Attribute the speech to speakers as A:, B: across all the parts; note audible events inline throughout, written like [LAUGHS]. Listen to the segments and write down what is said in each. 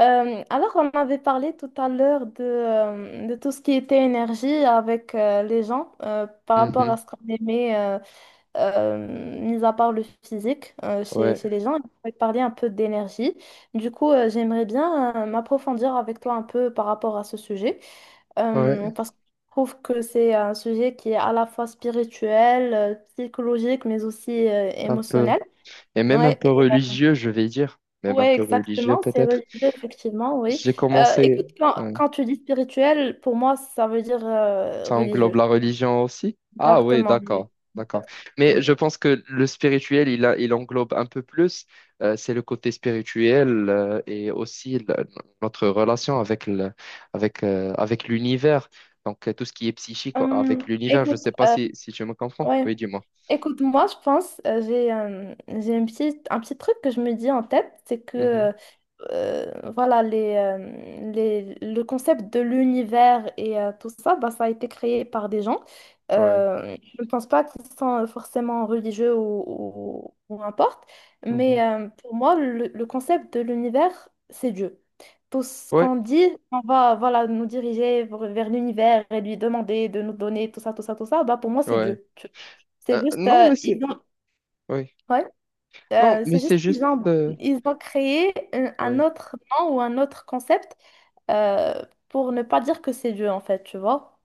A: Alors, on avait parlé tout à l'heure de tout ce qui était énergie avec les gens par rapport
B: Mhm.
A: à ce qu'on aimait, mis à part le physique chez,
B: Ouais,
A: chez les gens. On avait parlé un peu d'énergie. Du coup, j'aimerais bien m'approfondir avec toi un peu par rapport à ce sujet
B: ouais,
A: parce que je trouve que c'est un sujet qui est à la fois spirituel, psychologique, mais aussi
B: un peu.
A: émotionnel.
B: Et même un
A: Ouais,
B: peu religieux, je vais dire. Même
A: oui,
B: un peu religieux,
A: exactement, c'est
B: peut-être.
A: religieux, effectivement, oui.
B: J'ai
A: Euh,
B: commencé.
A: écoute, quand,
B: Ouais.
A: quand tu dis spirituel, pour moi, ça veut dire
B: Ça englobe
A: religieux.
B: la religion aussi? Ah oui,
A: Exactement, oui.
B: d'accord, d'accord. Mais
A: Exactement.
B: je pense que le spirituel, il englobe un peu plus. C'est le côté spirituel et aussi notre relation avec avec, avec l'univers. Donc, tout ce qui est psychique avec
A: Hum,
B: l'univers. Je ne
A: écoute,
B: sais pas si tu me comprends.
A: ouais.
B: Oui, dis-moi.
A: Écoute, moi, je pense, j'ai un petit truc que je me dis en tête, c'est que
B: Mhm.
A: voilà, le concept de l'univers et tout ça, bah, ça a été créé par des gens.
B: Ouais.
A: Je ne pense pas qu'ils sont forcément religieux ou, importe,
B: Mhm.
A: mais pour moi, le concept de l'univers, c'est Dieu. Tout ce
B: Ouais.
A: qu'on dit, on va voilà, nous diriger vers l'univers et lui demander de nous donner tout ça, tout ça, tout ça, bah, pour moi, c'est
B: Ouais.
A: Dieu. C'est juste,
B: Non, mais
A: ils
B: c'est
A: ont,
B: oui.
A: ouais,
B: Non, mais
A: c'est juste
B: c'est
A: qu'ils
B: juste.
A: ont, ils ont créé un
B: Ouais.
A: autre nom ou un autre concept euh, pour ne pas dire que c'est Dieu, en fait, tu vois.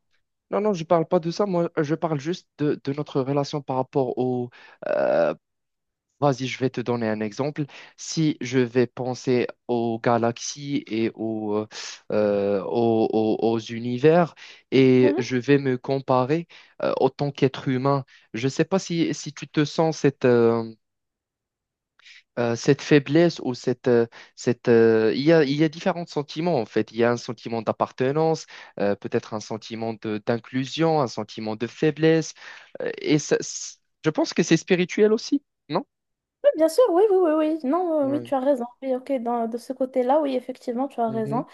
B: Non, non, je parle pas de ça. Moi, je parle juste de notre relation par rapport au. euh, Vas-y, je vais te donner un exemple. Si je vais penser aux galaxies et aux, aux univers et
A: Mhm.
B: je vais me comparer en tant qu'être humain, je sais pas si tu te sens cette. Cette faiblesse ou cette, il y a différents sentiments en fait. Il y a un sentiment d'appartenance, peut-être un sentiment d'inclusion, un sentiment de faiblesse. Euh, et ça, c- je pense que c'est spirituel aussi, non?
A: Oui, bien sûr, oui, oui, oui, oui. Non, oui,
B: Ouais.
A: tu as raison. Oui, ok, dans, de ce côté-là, oui, effectivement, tu as
B: Mhm.
A: raison.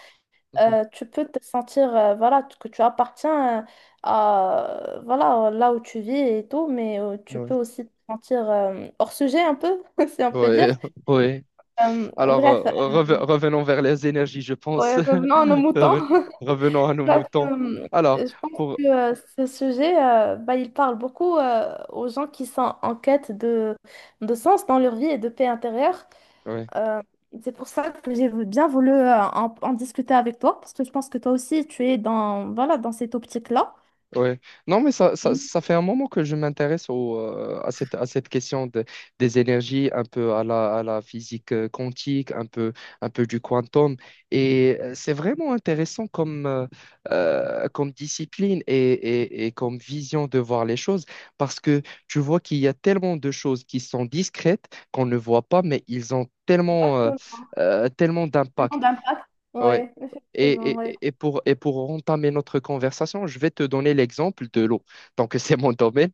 B: Mhm.
A: Tu peux te sentir, voilà, que tu appartiens à, voilà, là où tu vis et tout, mais tu
B: Ouais.
A: peux aussi te sentir hors sujet un peu, [LAUGHS] si on peut dire.
B: Ouais. [LAUGHS] Ouais.
A: Euh,
B: Alors,
A: bref,
B: revenons vers les énergies, je pense.
A: ouais, revenons à nos
B: [LAUGHS]
A: moutons.
B: Reven-
A: [LAUGHS]
B: Revenons à nos
A: Donc,
B: moutons. Alors,
A: je pense
B: pour...
A: que ce sujet, bah, il parle beaucoup aux gens qui sont en quête de, sens dans leur vie et de paix intérieure.
B: ouais.
A: Euh, c'est pour ça que bien voulu en, en discuter avec toi, parce que je pense que toi aussi, tu es dans, voilà, dans cette optique-là.
B: Ouais. Non, mais
A: Mhm.
B: ça fait un moment que je m'intéresse au, à cette question des énergies, un peu à la physique quantique, un peu du quantum. Et c'est vraiment intéressant comme, comme discipline et comme vision de voir les choses parce que tu vois qu'il y a tellement de choses qui sont discrètes qu'on ne voit pas, mais ils ont tellement,
A: Exactement.
B: tellement
A: Vraiment
B: d'impact.
A: d'impact.
B: Ouais.
A: Ouais, effectivement, ouais.
B: Et pour entamer notre conversation, je vais te donner l'exemple de l'eau. Donc, [LAUGHS] c'est mon domaine.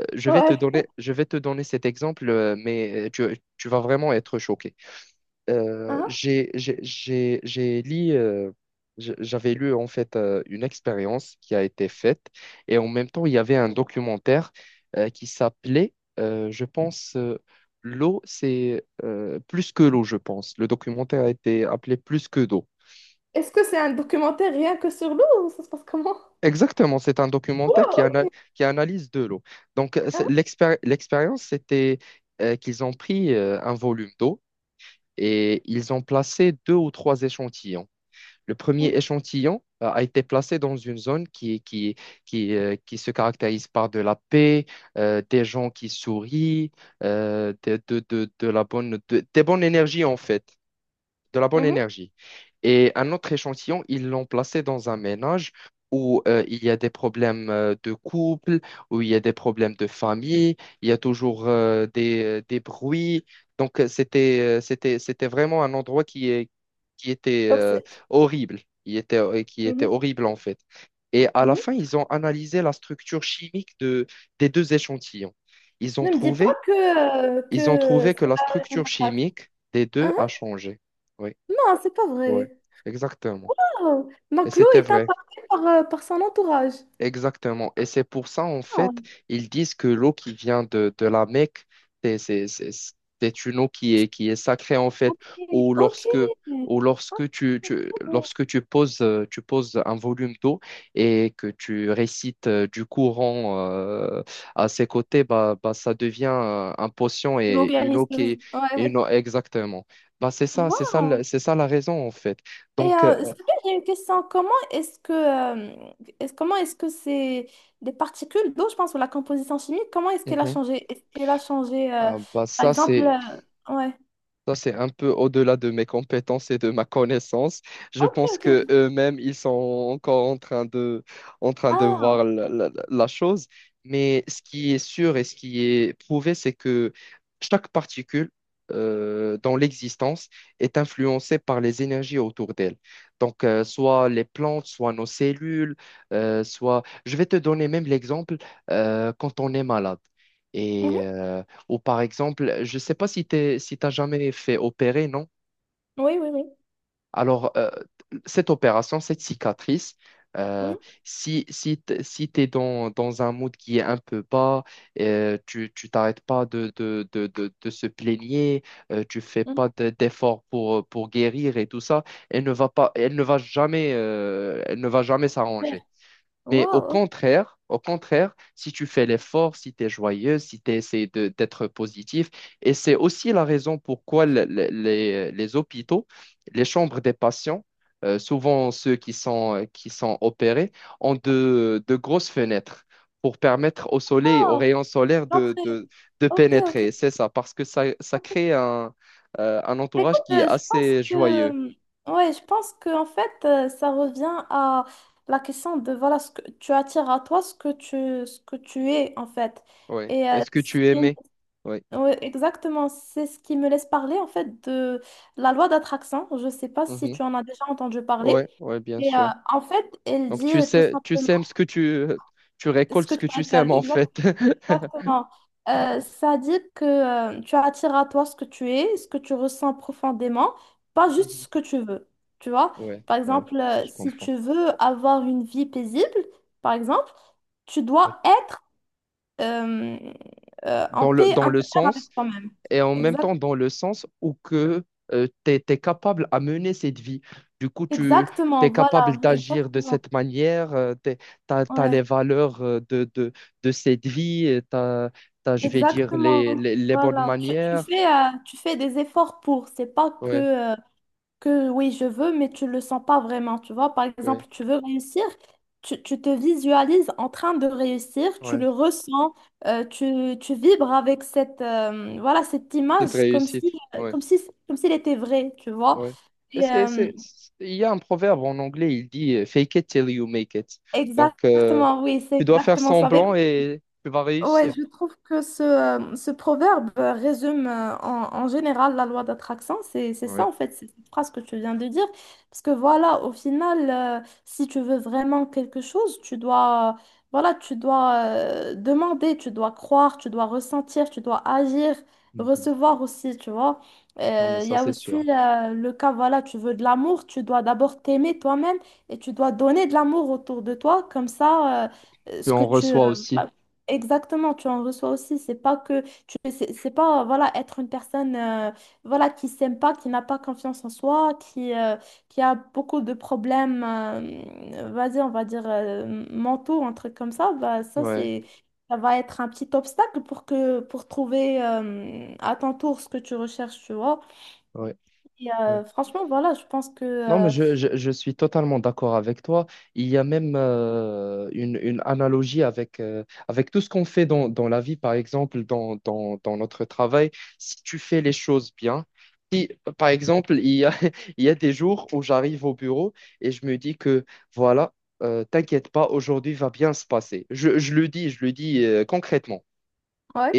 A: Ouais.
B: Je vais te donner cet exemple, tu vas vraiment être choqué.
A: Hein?
B: J'ai lu, j'avais lu en fait une expérience qui a été faite et en même temps, il y avait un documentaire qui s'appelait, je pense, L'eau, c'est plus que l'eau, je pense. Le documentaire a été appelé Plus que d'eau.
A: Est-ce que c'est un documentaire rien que sur l'eau ou ça se passe comment?
B: Exactement, c'est un
A: Ouais,
B: documentaire
A: ok.
B: qui analyse de l'eau. Donc,
A: Hein?
B: l'expérience, c'était qu'ils ont pris un volume d'eau et ils ont placé deux ou trois échantillons. Le premier
A: Mhm.
B: échantillon a été placé dans une zone qui se caractérise par de la paix, des gens qui sourient, de la bonne, de- des bonnes énergies en fait de la bonne
A: Mhm.
B: énergie. Et un autre échantillon, ils l'ont placé dans un ménage où il y a des problèmes de couple, où il y a des problèmes de famille, il y a toujours des bruits. Donc, c'était vraiment un endroit qui était
A: Toxique.
B: horrible, qui était
A: Mhm.
B: horrible en fait. Et à la
A: Mhm.
B: fin, ils ont analysé la structure chimique des deux échantillons. Ils ont
A: Ne me dis pas
B: trouvé,
A: que,
B: ils ont trouvé
A: ça
B: que la
A: a un
B: structure
A: impact.
B: chimique des deux
A: Hein?
B: a changé. Oui,
A: Non, c'est pas
B: ouais,
A: vrai.
B: exactement.
A: Oh.
B: Et
A: Donc l'eau
B: c'était
A: est
B: vrai,
A: impactée par, son entourage.
B: exactement. Et c'est pour ça, en
A: Ah,
B: fait, ils disent que l'eau qui vient de la Mecque, c'est c'est- c'est- c'est une eau qui est sacrée, en fait,
A: ok.
B: ou
A: Ok.
B: lorsque,
A: Oh,
B: lorsque tu poses un volume d'eau et que tu récites du courant à ses côtés, bah, ça devient un potion
A: l'eau
B: et une eau
A: guérisseuse.
B: qui est une
A: Ouais.
B: eau, exactement. C'est ça,
A: Wow.
B: c'est ça la raison, en fait.
A: Et
B: Donc,
A: c'est bien, j'ai une question. Comment est-ce que, comment est-ce que c'est des particules d'eau, je pense, ou la composition chimique, comment est-ce qu'elle a
B: euh,
A: changé? Est-ce qu'elle a changé,
B: Ah bah
A: par
B: ça
A: exemple,
B: c'est
A: ouais.
B: ça c'est un peu au-delà de mes compétences et de ma connaissance. Je
A: Ok,
B: pense
A: ok.
B: que eux-mêmes ils sont encore en train de
A: Ah.
B: voir la, la chose. Mais ce qui est sûr et ce qui est prouvé, c'est que chaque particule dans l'existence est influencée par les énergies autour d'elle. Donc soit les plantes, soit nos cellules, soit je vais te donner même l'exemple quand on est malade. Et
A: Mhm.
B: ou par exemple, je ne sais pas si t'as jamais fait opérer, non?
A: Oui, oui, oui.
B: Alors, cette opération, cette cicatrice, euh,
A: Mhm.
B: si tu es dans un mood qui est un peu bas, tu t'arrêtes pas de se plaigner, tu fais
A: Mhm,
B: pas d'efforts pour guérir et tout ça, elle ne va pas, elle ne va jamais, elle ne va jamais
A: super.
B: s'arranger. Mais
A: Wow, ok.
B: au contraire, si tu fais l'effort, si tu es joyeux, si tu essaies de, d'être positif, et c'est aussi la raison pourquoi les hôpitaux, les chambres des patients, souvent ceux qui sont opérés, ont de grosses fenêtres pour permettre au soleil, aux
A: Oh,
B: rayons solaires
A: l'entrée.
B: de
A: Ok, ok,
B: pénétrer. C'est ça, parce que ça
A: ok.
B: crée un
A: Bah, écoute,
B: entourage qui est
A: je pense
B: assez joyeux.
A: que, ouais, je pense que en fait, ça revient à la question de voilà, ce que tu attires à toi, ce que tu es en fait.
B: Ouais.
A: Et
B: Est-ce que tu aimais? Oui.
A: ouais, exactement, c'est ce qui me laisse parler en fait de la loi d'attraction. Je ne sais pas si
B: Mhm.
A: tu en as déjà entendu parler.
B: Ouais, bien
A: Et
B: sûr.
A: en fait, elle
B: Donc,
A: dit
B: tu
A: tout
B: sais, tu
A: simplement
B: sèmes ce que tu
A: ce
B: récoltes
A: que
B: ce
A: tu
B: que
A: as.
B: tu sèmes, en
A: Exactement.
B: fait. [LAUGHS]
A: Exactement. Ça dit que tu attires à toi ce que tu es, ce que tu ressens profondément, pas juste
B: Mhm.
A: ce que tu veux. Tu vois?
B: Ouais,
A: Par
B: ouais,
A: exemple,
B: je
A: si
B: comprends.
A: tu veux avoir une vie paisible, par exemple, tu
B: Ouais.
A: dois être euh, en
B: Dans
A: paix
B: dans le
A: intérieure avec
B: sens,
A: toi-même.
B: et en même
A: Exact
B: temps dans le sens où que tu es, capable à mener cette vie. Du coup, tu
A: Exactement,
B: es capable
A: voilà,
B: d'agir de
A: exactement.
B: cette manière, tu as, les
A: Ouais,
B: valeurs de cette vie, tu as, je vais dire,
A: exactement.
B: les bonnes
A: Voilà. Tu, tu
B: manières.
A: fais, euh, tu fais des efforts pour. C'est pas que.
B: Ouais,
A: euh, que oui, je veux, mais tu le sens pas vraiment, tu vois. Par
B: ouais,
A: exemple, tu veux réussir, tu te visualises en train de réussir, tu
B: ouais.
A: le ressens, tu vibres avec cette, voilà, cette
B: Cette
A: image comme
B: réussite.
A: si,
B: Ouais.
A: comme si, comme s'il était vrai, tu vois.
B: Ouais. Et
A: Et,
B: il y a un proverbe en anglais, il dit fake it till you make it. Donc,
A: exactement, oui, c'est
B: tu dois faire
A: exactement ça. Avec.
B: semblant et tu vas
A: Ouais,
B: réussir.
A: je trouve que ce proverbe résume en général la loi d'attraction. C'est ça,
B: Ouais.
A: en fait, c'est cette phrase que tu viens de dire. Parce que voilà, au final, si tu veux vraiment quelque chose, tu dois, voilà, tu dois demander, tu dois croire, tu dois ressentir, tu dois agir,
B: Mhm.
A: recevoir aussi, tu vois.
B: Non, mais
A: Il y
B: ça,
A: a
B: c'est
A: aussi
B: sûr.
A: le cas, voilà, tu veux de l'amour, tu dois d'abord t'aimer toi-même et tu dois donner de l'amour autour de toi. Comme ça, euh,
B: Puis
A: ce que
B: on
A: tu...
B: reçoit aussi.
A: euh, exactement, tu en reçois aussi. C'est pas que tu, c'est pas voilà être une personne voilà qui s'aime pas, qui n'a pas confiance en soi, qui a beaucoup de problèmes, vas-y, on va dire mentaux, un truc comme ça. Bah
B: Ouais,
A: ça va être un petit obstacle pour que pour trouver à ton tour ce que tu recherches, tu vois.
B: ouais,
A: Et
B: ouais.
A: franchement, voilà, je pense que
B: Non, mais
A: euh,
B: je suis totalement d'accord avec toi. Il y a même une analogie avec, avec tout ce qu'on fait dans, la vie, par exemple, dans notre travail. Si tu fais les choses bien, si, par exemple, [LAUGHS] il y a des jours où j'arrive au bureau et je me dis que, voilà, t'inquiète pas, aujourd'hui va bien se passer. Je le dis concrètement.
A: Ouais.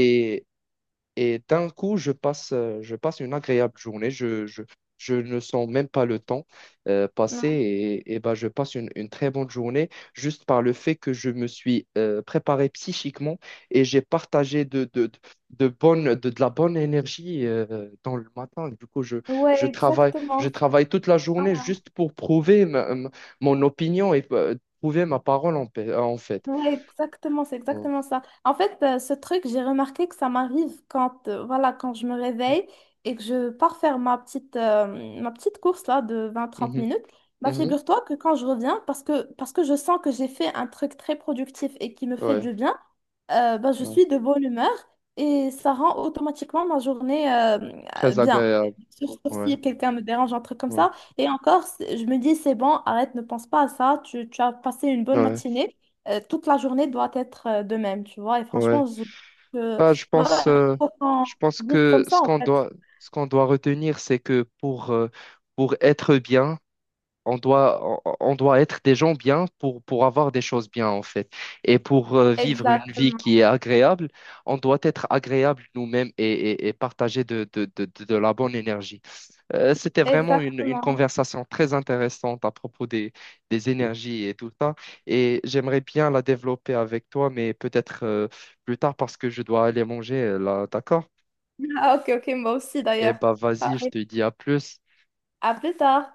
B: Et d'un coup, je passe une agréable journée. Je ne sens même pas le temps passer et ben, je passe une très bonne journée juste par le fait que je me suis préparé psychiquement et j'ai partagé de la bonne énergie dans le matin. Du coup, je,
A: Ouais,
B: je
A: exactement.
B: travaille toute la journée juste pour prouver mon opinion et prouver ma parole en, en fait.
A: Ouais, exactement, c'est exactement ça. En fait, ce truc, j'ai remarqué que ça m'arrive quand, voilà, quand je me réveille et que je pars faire ma petite course là de vingt trente
B: Mhm,
A: minutes. Bah,
B: mhm,
A: figure-toi que quand je reviens, parce que je sens que j'ai fait un truc très productif et qui me fait
B: ouais,
A: du bien, bah, je
B: ouais.
A: suis de bonne humeur et ça rend automatiquement ma journée
B: Très
A: bien.
B: agréable.
A: Sur
B: Ouais.
A: si quelqu'un me dérange, un truc comme
B: Ouais,
A: ça. Et encore, je me dis, c'est bon, arrête, ne pense pas à ça. Tu as passé une bonne
B: ouais,
A: matinée. Toute la journée doit être de même, tu vois. Et
B: ouais.
A: franchement, je-
B: Bah,
A: voilà, il faut qu'on
B: je pense
A: vive comme
B: que
A: ça,
B: ce
A: en
B: qu'on
A: fait.
B: doit, Ce qu'on doit retenir, c'est que pour être bien, on doit, on doit être des gens bien pour avoir des choses bien, en fait. Et pour vivre une vie qui
A: Exactement,
B: est agréable, on doit être agréable nous-mêmes et partager de la bonne énergie. Une
A: exactement. [LAUGHS]
B: conversation très intéressante à propos des énergies et tout ça. Et j'aimerais bien la développer avec toi, mais peut-être plus tard parce que je dois aller manger là, d'accord?
A: Ah, ok, ok, moi aussi
B: Eh
A: d'ailleurs.
B: bah
A: Ah,
B: vas-y, je te dis à plus.
A: à plus tard.